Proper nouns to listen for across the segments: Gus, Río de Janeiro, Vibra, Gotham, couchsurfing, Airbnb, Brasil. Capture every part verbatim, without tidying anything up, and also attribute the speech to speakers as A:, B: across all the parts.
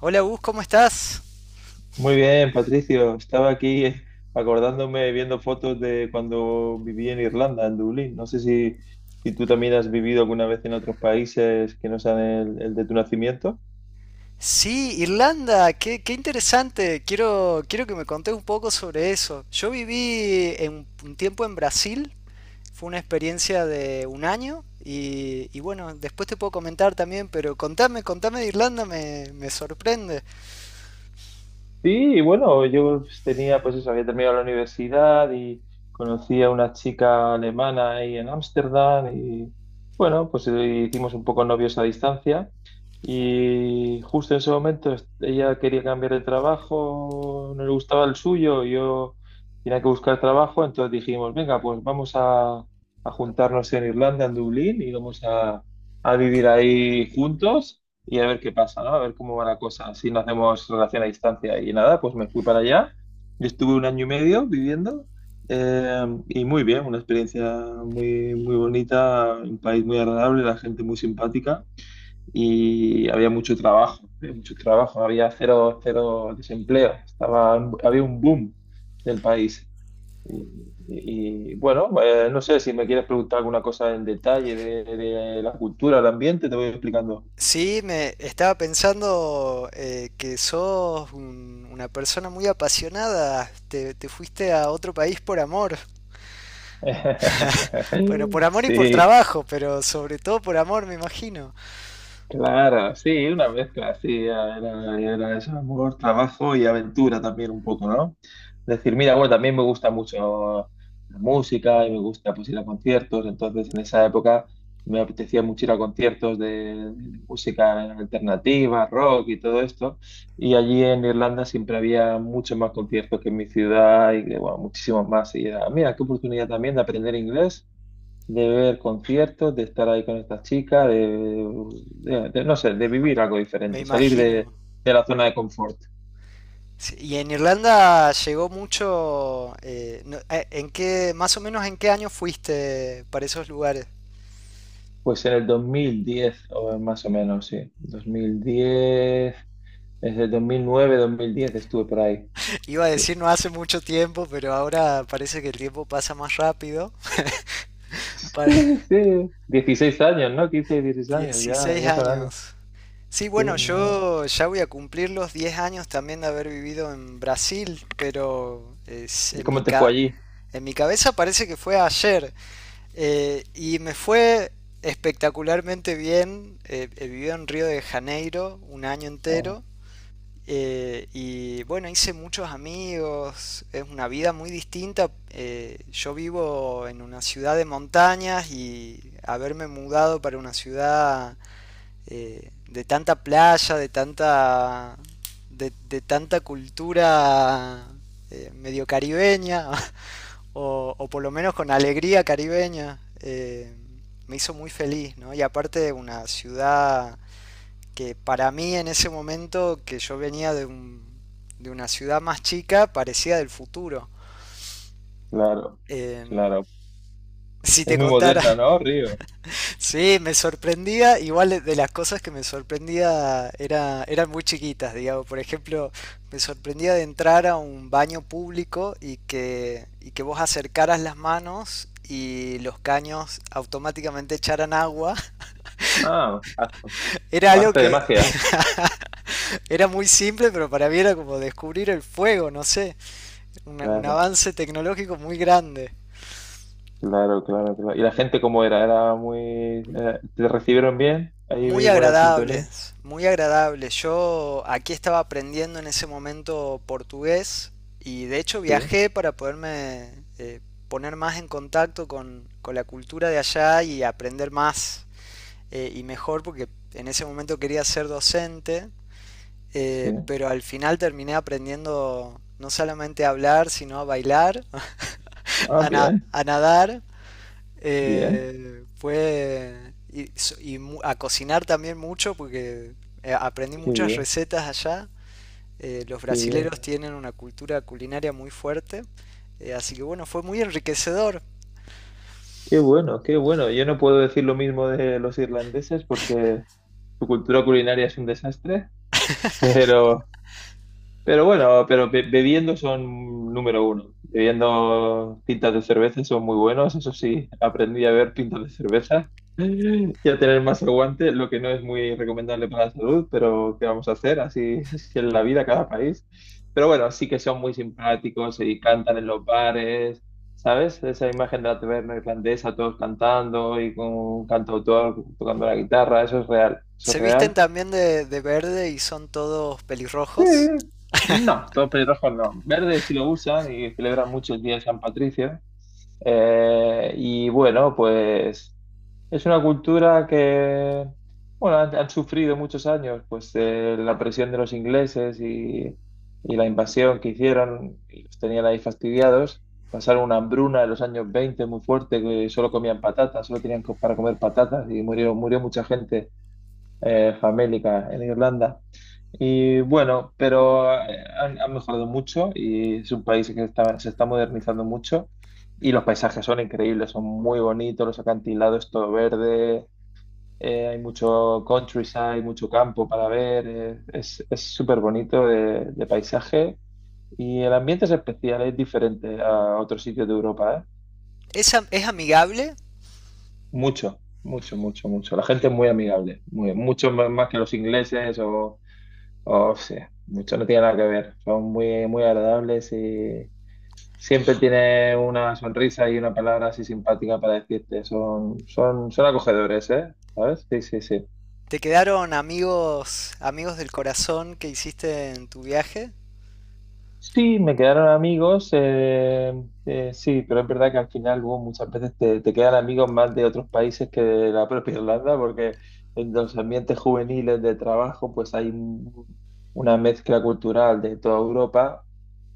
A: Hola Gus, ¿cómo estás?
B: Muy bien, Patricio. Estaba aquí eh, acordándome, viendo fotos de cuando viví en Irlanda, en Dublín. No sé si, si tú también has vivido alguna vez en otros países que no sean el, el de tu nacimiento.
A: Sí, Irlanda, qué, qué interesante. Quiero, quiero que me contés un poco sobre eso. Yo viví en, un tiempo en Brasil, fue una experiencia de un año y, y bueno, después te puedo comentar también, pero contame, contame de Irlanda, me, me sorprende.
B: Sí, y bueno, yo tenía, pues eso, había terminado la universidad y conocí a una chica alemana ahí en Ámsterdam y bueno, pues eh, hicimos un poco novios a distancia y justo en ese momento est- ella quería cambiar de trabajo, no le gustaba el suyo, yo tenía que buscar trabajo, entonces dijimos, venga, pues vamos a, a juntarnos en Irlanda, en Dublín y vamos a, a vivir ahí juntos y a ver qué pasa, ¿no? A ver cómo va la cosa, si no hacemos relación a distancia. Y nada, pues me fui para allá. Yo estuve un año y medio viviendo, eh, y muy bien, una experiencia muy, muy bonita, un país muy agradable, la gente muy simpática y había mucho trabajo, había mucho trabajo, había cero, cero desempleo, estaba, había un boom del país. Y, y, bueno, eh, no sé si me quieres preguntar alguna cosa en detalle de, de la cultura, el ambiente, te voy explicando.
A: Sí, me estaba pensando eh, que sos un- una persona muy apasionada, te, te fuiste a otro país por amor. Bueno, por amor y por
B: Sí,
A: trabajo, pero sobre todo por amor, me imagino.
B: claro, sí, una mezcla, así era, era eso, amor, trabajo y aventura también un poco, ¿no? Es decir, mira, bueno, también me gusta mucho la música y me gusta pues ir a conciertos, entonces en esa época me apetecía mucho ir a conciertos de, de música alternativa, rock y todo esto, y allí en Irlanda siempre había muchos más conciertos que en mi ciudad y, bueno, muchísimos más, y era, mira, qué oportunidad también de aprender inglés, de ver conciertos, de estar ahí con estas chicas de, de- de- no sé, de vivir algo
A: Me
B: diferente, salir de,
A: imagino.
B: de la zona de confort.
A: Sí, y en Irlanda llegó mucho. Eh, no- eh, ¿en qué, más o menos en qué año fuiste para esos lugares?
B: Pues en el dos mil diez o más o menos, sí, dos mil diez desde el dos mil nueve, dos mil diez estuve por ahí.
A: Iba a
B: Sí,
A: decir no hace mucho tiempo, pero ahora parece que el tiempo pasa más rápido. Para
B: sí, sí. dieciséis años, ¿no? quince, dieciséis años, ya,
A: dieciséis
B: ya son años.
A: años. Sí,
B: Sí,
A: bueno,
B: no.
A: yo ya voy a cumplir los diez años también de haber vivido en Brasil, pero es-
B: ¿Y
A: en mi
B: cómo te fue
A: ca-
B: allí?
A: en mi cabeza parece que fue ayer. Eh, y me fue espectacularmente bien. Eh, eh, viví en Río de Janeiro un año
B: Ah,
A: entero. Eh, y bueno, hice muchos amigos. Es una vida muy distinta. Eh, yo vivo en una ciudad de montañas y haberme mudado para una ciudad eh, de tanta playa, de tanta, de, de tanta cultura eh, medio caribeña. o, o por lo menos con alegría caribeña, eh, me hizo muy feliz, ¿no? Y aparte una ciudad que para mí en ese momento, que yo venía de, un, de una ciudad más chica, parecía del futuro.
B: claro,
A: Eh,
B: claro.
A: si
B: Es
A: te
B: muy
A: contara,
B: moderna, ¿no, Río?
A: sí, me sorprendía, igual de las cosas que me sorprendía era, eran muy chiquitas, digamos. Por ejemplo, me sorprendía de entrar a un baño público y que, y que vos acercaras las manos y los caños automáticamente echaran agua.
B: Ah,
A: Era algo
B: arte de
A: que
B: magia.
A: era muy simple, pero para mí era como descubrir el fuego, no sé, una- un
B: Claro.
A: avance tecnológico muy grande.
B: Claro, claro, claro. ¿Y la gente cómo era? Era muy... eh, ¿Te recibieron bien? Ahí
A: Muy
B: vi buena sintonía.
A: agradables, muy agradables. Yo aquí estaba aprendiendo en ese momento portugués y de hecho
B: Sí,
A: viajé para poderme eh, poner más en contacto con, con la cultura de allá y aprender más eh, y mejor porque en ese momento quería ser docente,
B: sí.
A: eh, pero al final terminé aprendiendo no solamente a hablar, sino a bailar,
B: Ah,
A: a, na-
B: bien,
A: a nadar
B: bien.
A: eh, fue y, so- y mu- a cocinar también mucho porque eh, aprendí
B: Qué
A: muchas
B: bien,
A: recetas allá. Eh, los
B: qué bien.
A: brasileros tienen una cultura culinaria muy fuerte, eh, así que bueno, fue muy enriquecedor.
B: Qué bueno, qué bueno. Yo no puedo decir lo mismo de los irlandeses porque su cultura culinaria es un desastre. pero Pero bueno, pero be- bebiendo son número uno. Bebiendo pintas de cerveza son muy buenos, eso sí, aprendí a ver pintas de cerveza y a tener más aguante, lo que no es muy recomendable para la salud, pero ¿qué vamos a hacer? Así es en la vida cada país. Pero bueno, sí que son muy simpáticos y cantan en los bares, ¿sabes? Esa imagen de la taberna irlandesa, todos cantando y con un cantautor tocando la guitarra, eso es real, eso es
A: Se visten
B: real.
A: también de, de verde y son todos
B: Sí,
A: pelirrojos.
B: no, todos pelirrojos no. Verde sí lo usan y celebran mucho el Día de San Patricio. Eh, y bueno, pues es una cultura que, bueno, han, han sufrido muchos años, pues eh, la presión de los ingleses y, y la invasión que hicieron, y los tenían ahí fastidiados. Pasaron una hambruna en los años veinte muy fuerte, que solo comían patatas, solo tenían co- para comer patatas y murió, murió mucha gente, eh, famélica en Irlanda. Y bueno, pero eh, han, han mejorado mucho y es un país que está- se está modernizando mucho y los paisajes son increíbles, son muy bonitos, los acantilados, todo verde, eh, hay mucho countryside, mucho campo para ver, eh, es, es súper bonito de, de paisaje y el ambiente es especial, es diferente a otros sitios de Europa, ¿eh?
A: Es, am- es amigable.
B: Mucho, mucho, mucho, mucho. La gente es muy amigable, muy, mucho más más que los ingleses. O Oh, sí, mucho no tiene nada que ver. Son muy, muy agradables y siempre tiene una sonrisa y una palabra así simpática para decirte. Son, son, son acogedores, ¿eh? ¿Sabes? Sí, sí, sí.
A: ¿Te quedaron amigos, amigos del corazón que hiciste en tu viaje?
B: Sí, me quedaron amigos, eh, eh, sí, pero es verdad que al final luego muchas veces te, te quedan amigos más de otros países que de la propia Irlanda, porque en los ambientes juveniles de trabajo pues hay un- una mezcla cultural de toda Europa,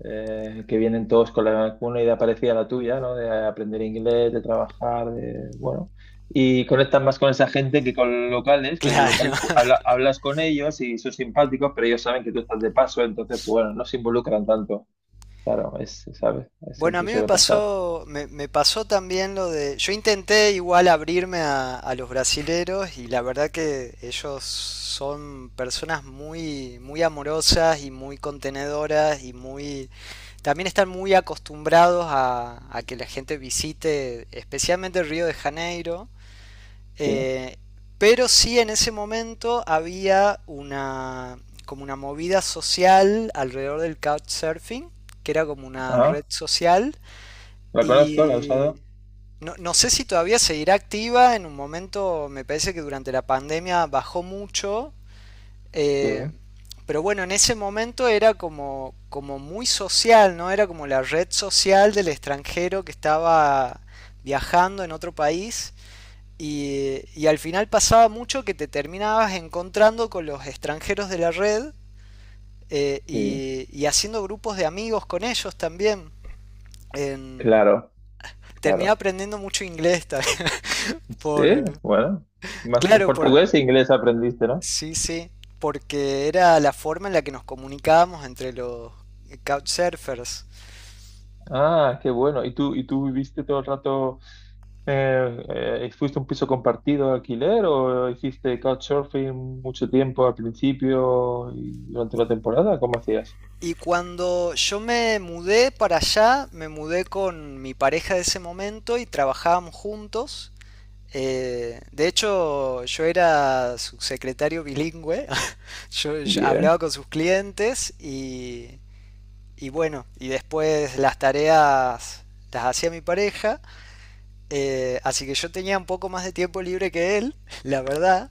B: eh, que vienen todos con la, con una idea parecida a la tuya, ¿no? De aprender inglés, de trabajar, de, bueno, y conectas más con esa gente que con los locales, que los
A: Claro.
B: locales pues, habla- hablas con ellos y son simpáticos, pero ellos saben que tú estás de paso, entonces, pues bueno, no se involucran tanto. Claro, es, ¿sabes?
A: Bueno, a
B: Siempre
A: mí me
B: suele pasar.
A: pasó, me, me pasó también lo de, yo intenté igual abrirme a, a los brasileros y la verdad que ellos son personas muy, muy amorosas y muy contenedoras y muy, también están muy acostumbrados a, a que la gente visite, especialmente Río de Janeiro.
B: Sí. ¿No?
A: eh, pero sí en ese momento había una, como una movida social alrededor del couchsurfing, que era como una red
B: Ah,
A: social
B: la conozco, la he
A: y
B: usado.
A: no, no sé si todavía seguirá activa. En un momento me parece que durante la pandemia bajó mucho.
B: Sí,
A: eh, pero bueno, en ese momento era como, como muy social, ¿no? Era como la red social del extranjero que estaba viajando en otro país. Y, y al final pasaba mucho que te terminabas encontrando con los extranjeros de la red eh,
B: sí.
A: y, y haciendo grupos de amigos con ellos también. En-
B: Claro,
A: Terminé
B: claro.
A: aprendiendo mucho inglés también. Por,
B: Sí,
A: eh,
B: bueno. Más que en
A: claro, por,
B: portugués e inglés aprendiste, ¿no?
A: sí, sí, porque era la forma en la que nos comunicábamos entre los couchsurfers.
B: Ah, qué bueno. ¿Y tú, y tú viviste todo el rato? Eh, eh, ¿Fuiste un piso compartido de alquiler o hiciste couchsurfing mucho tiempo al principio y durante la temporada? ¿Cómo hacías?
A: Y cuando yo me mudé para allá, me mudé con mi pareja de ese momento y trabajábamos juntos. Eh, de hecho, yo era subsecretario bilingüe, yo, yo hablaba
B: Bien,
A: con sus clientes y, y bueno, y después las tareas las hacía mi pareja. Eh, así que yo tenía un poco más de tiempo libre que él, la verdad.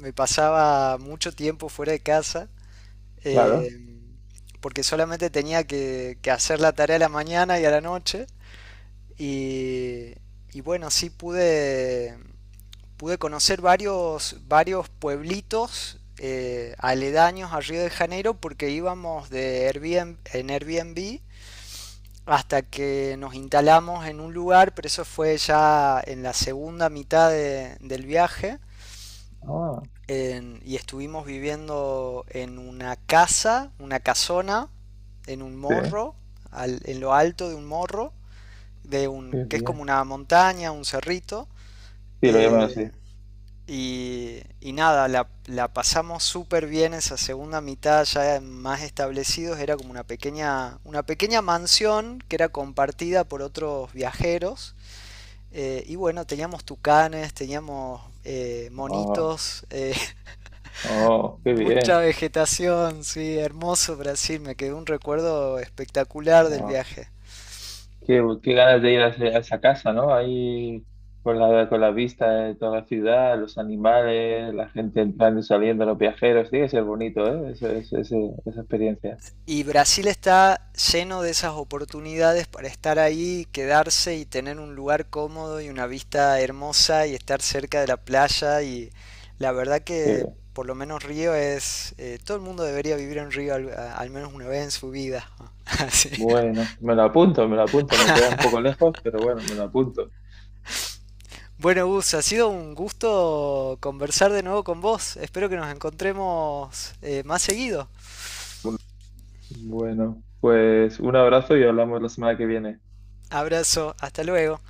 A: Me pasaba mucho tiempo fuera de casa, eh,
B: claro.
A: porque solamente tenía que, que hacer la tarea a la mañana y a la noche. Y, y bueno, sí pude, pude conocer varios, varios pueblitos eh, aledaños a Río de Janeiro porque íbamos de Airbnb, en Airbnb hasta que nos instalamos en un lugar, pero eso fue ya en la segunda mitad de- del viaje.
B: Ah,
A: En- y estuvimos viviendo en una casa, una casona, en un
B: sí,
A: morro, al- en lo alto de un morro, de un,
B: qué
A: que es
B: bien.
A: como una montaña, un cerrito.
B: Sí, lo llaman así.
A: eh, y, y nada, la, la pasamos súper bien esa segunda mitad, ya más establecidos. Era como una pequeña, una pequeña mansión que era compartida por otros viajeros. Eh, y bueno, teníamos tucanes, teníamos eh,
B: Oh,
A: monitos, eh,
B: oh, qué
A: mucha
B: bien.
A: vegetación, sí, hermoso Brasil, me quedó un recuerdo espectacular del
B: Oh,
A: viaje.
B: qué, qué ganas de ir a, ese- a esa casa, ¿no? Ahí con la, con la vista de toda la ciudad, los animales, la gente entrando y saliendo, los viajeros. Tiene que ser bonito, ¿eh? Ese- ese- ese- esa experiencia.
A: Y Brasil está lleno de esas oportunidades para estar ahí, quedarse y tener un lugar cómodo y una vista hermosa y estar cerca de la playa. Y la verdad que por lo menos Río es... eh, todo el mundo debería vivir en Río al, al menos una vez en su vida. Así.
B: Bueno, me lo apunto, me lo apunto. Me queda un poco lejos, pero bueno, me lo apunto.
A: Bueno, Gus, ha sido un gusto conversar de nuevo con vos. Espero que nos encontremos eh, más seguido.
B: Bueno, pues un abrazo y hablamos la semana que viene.
A: Abrazo, hasta luego.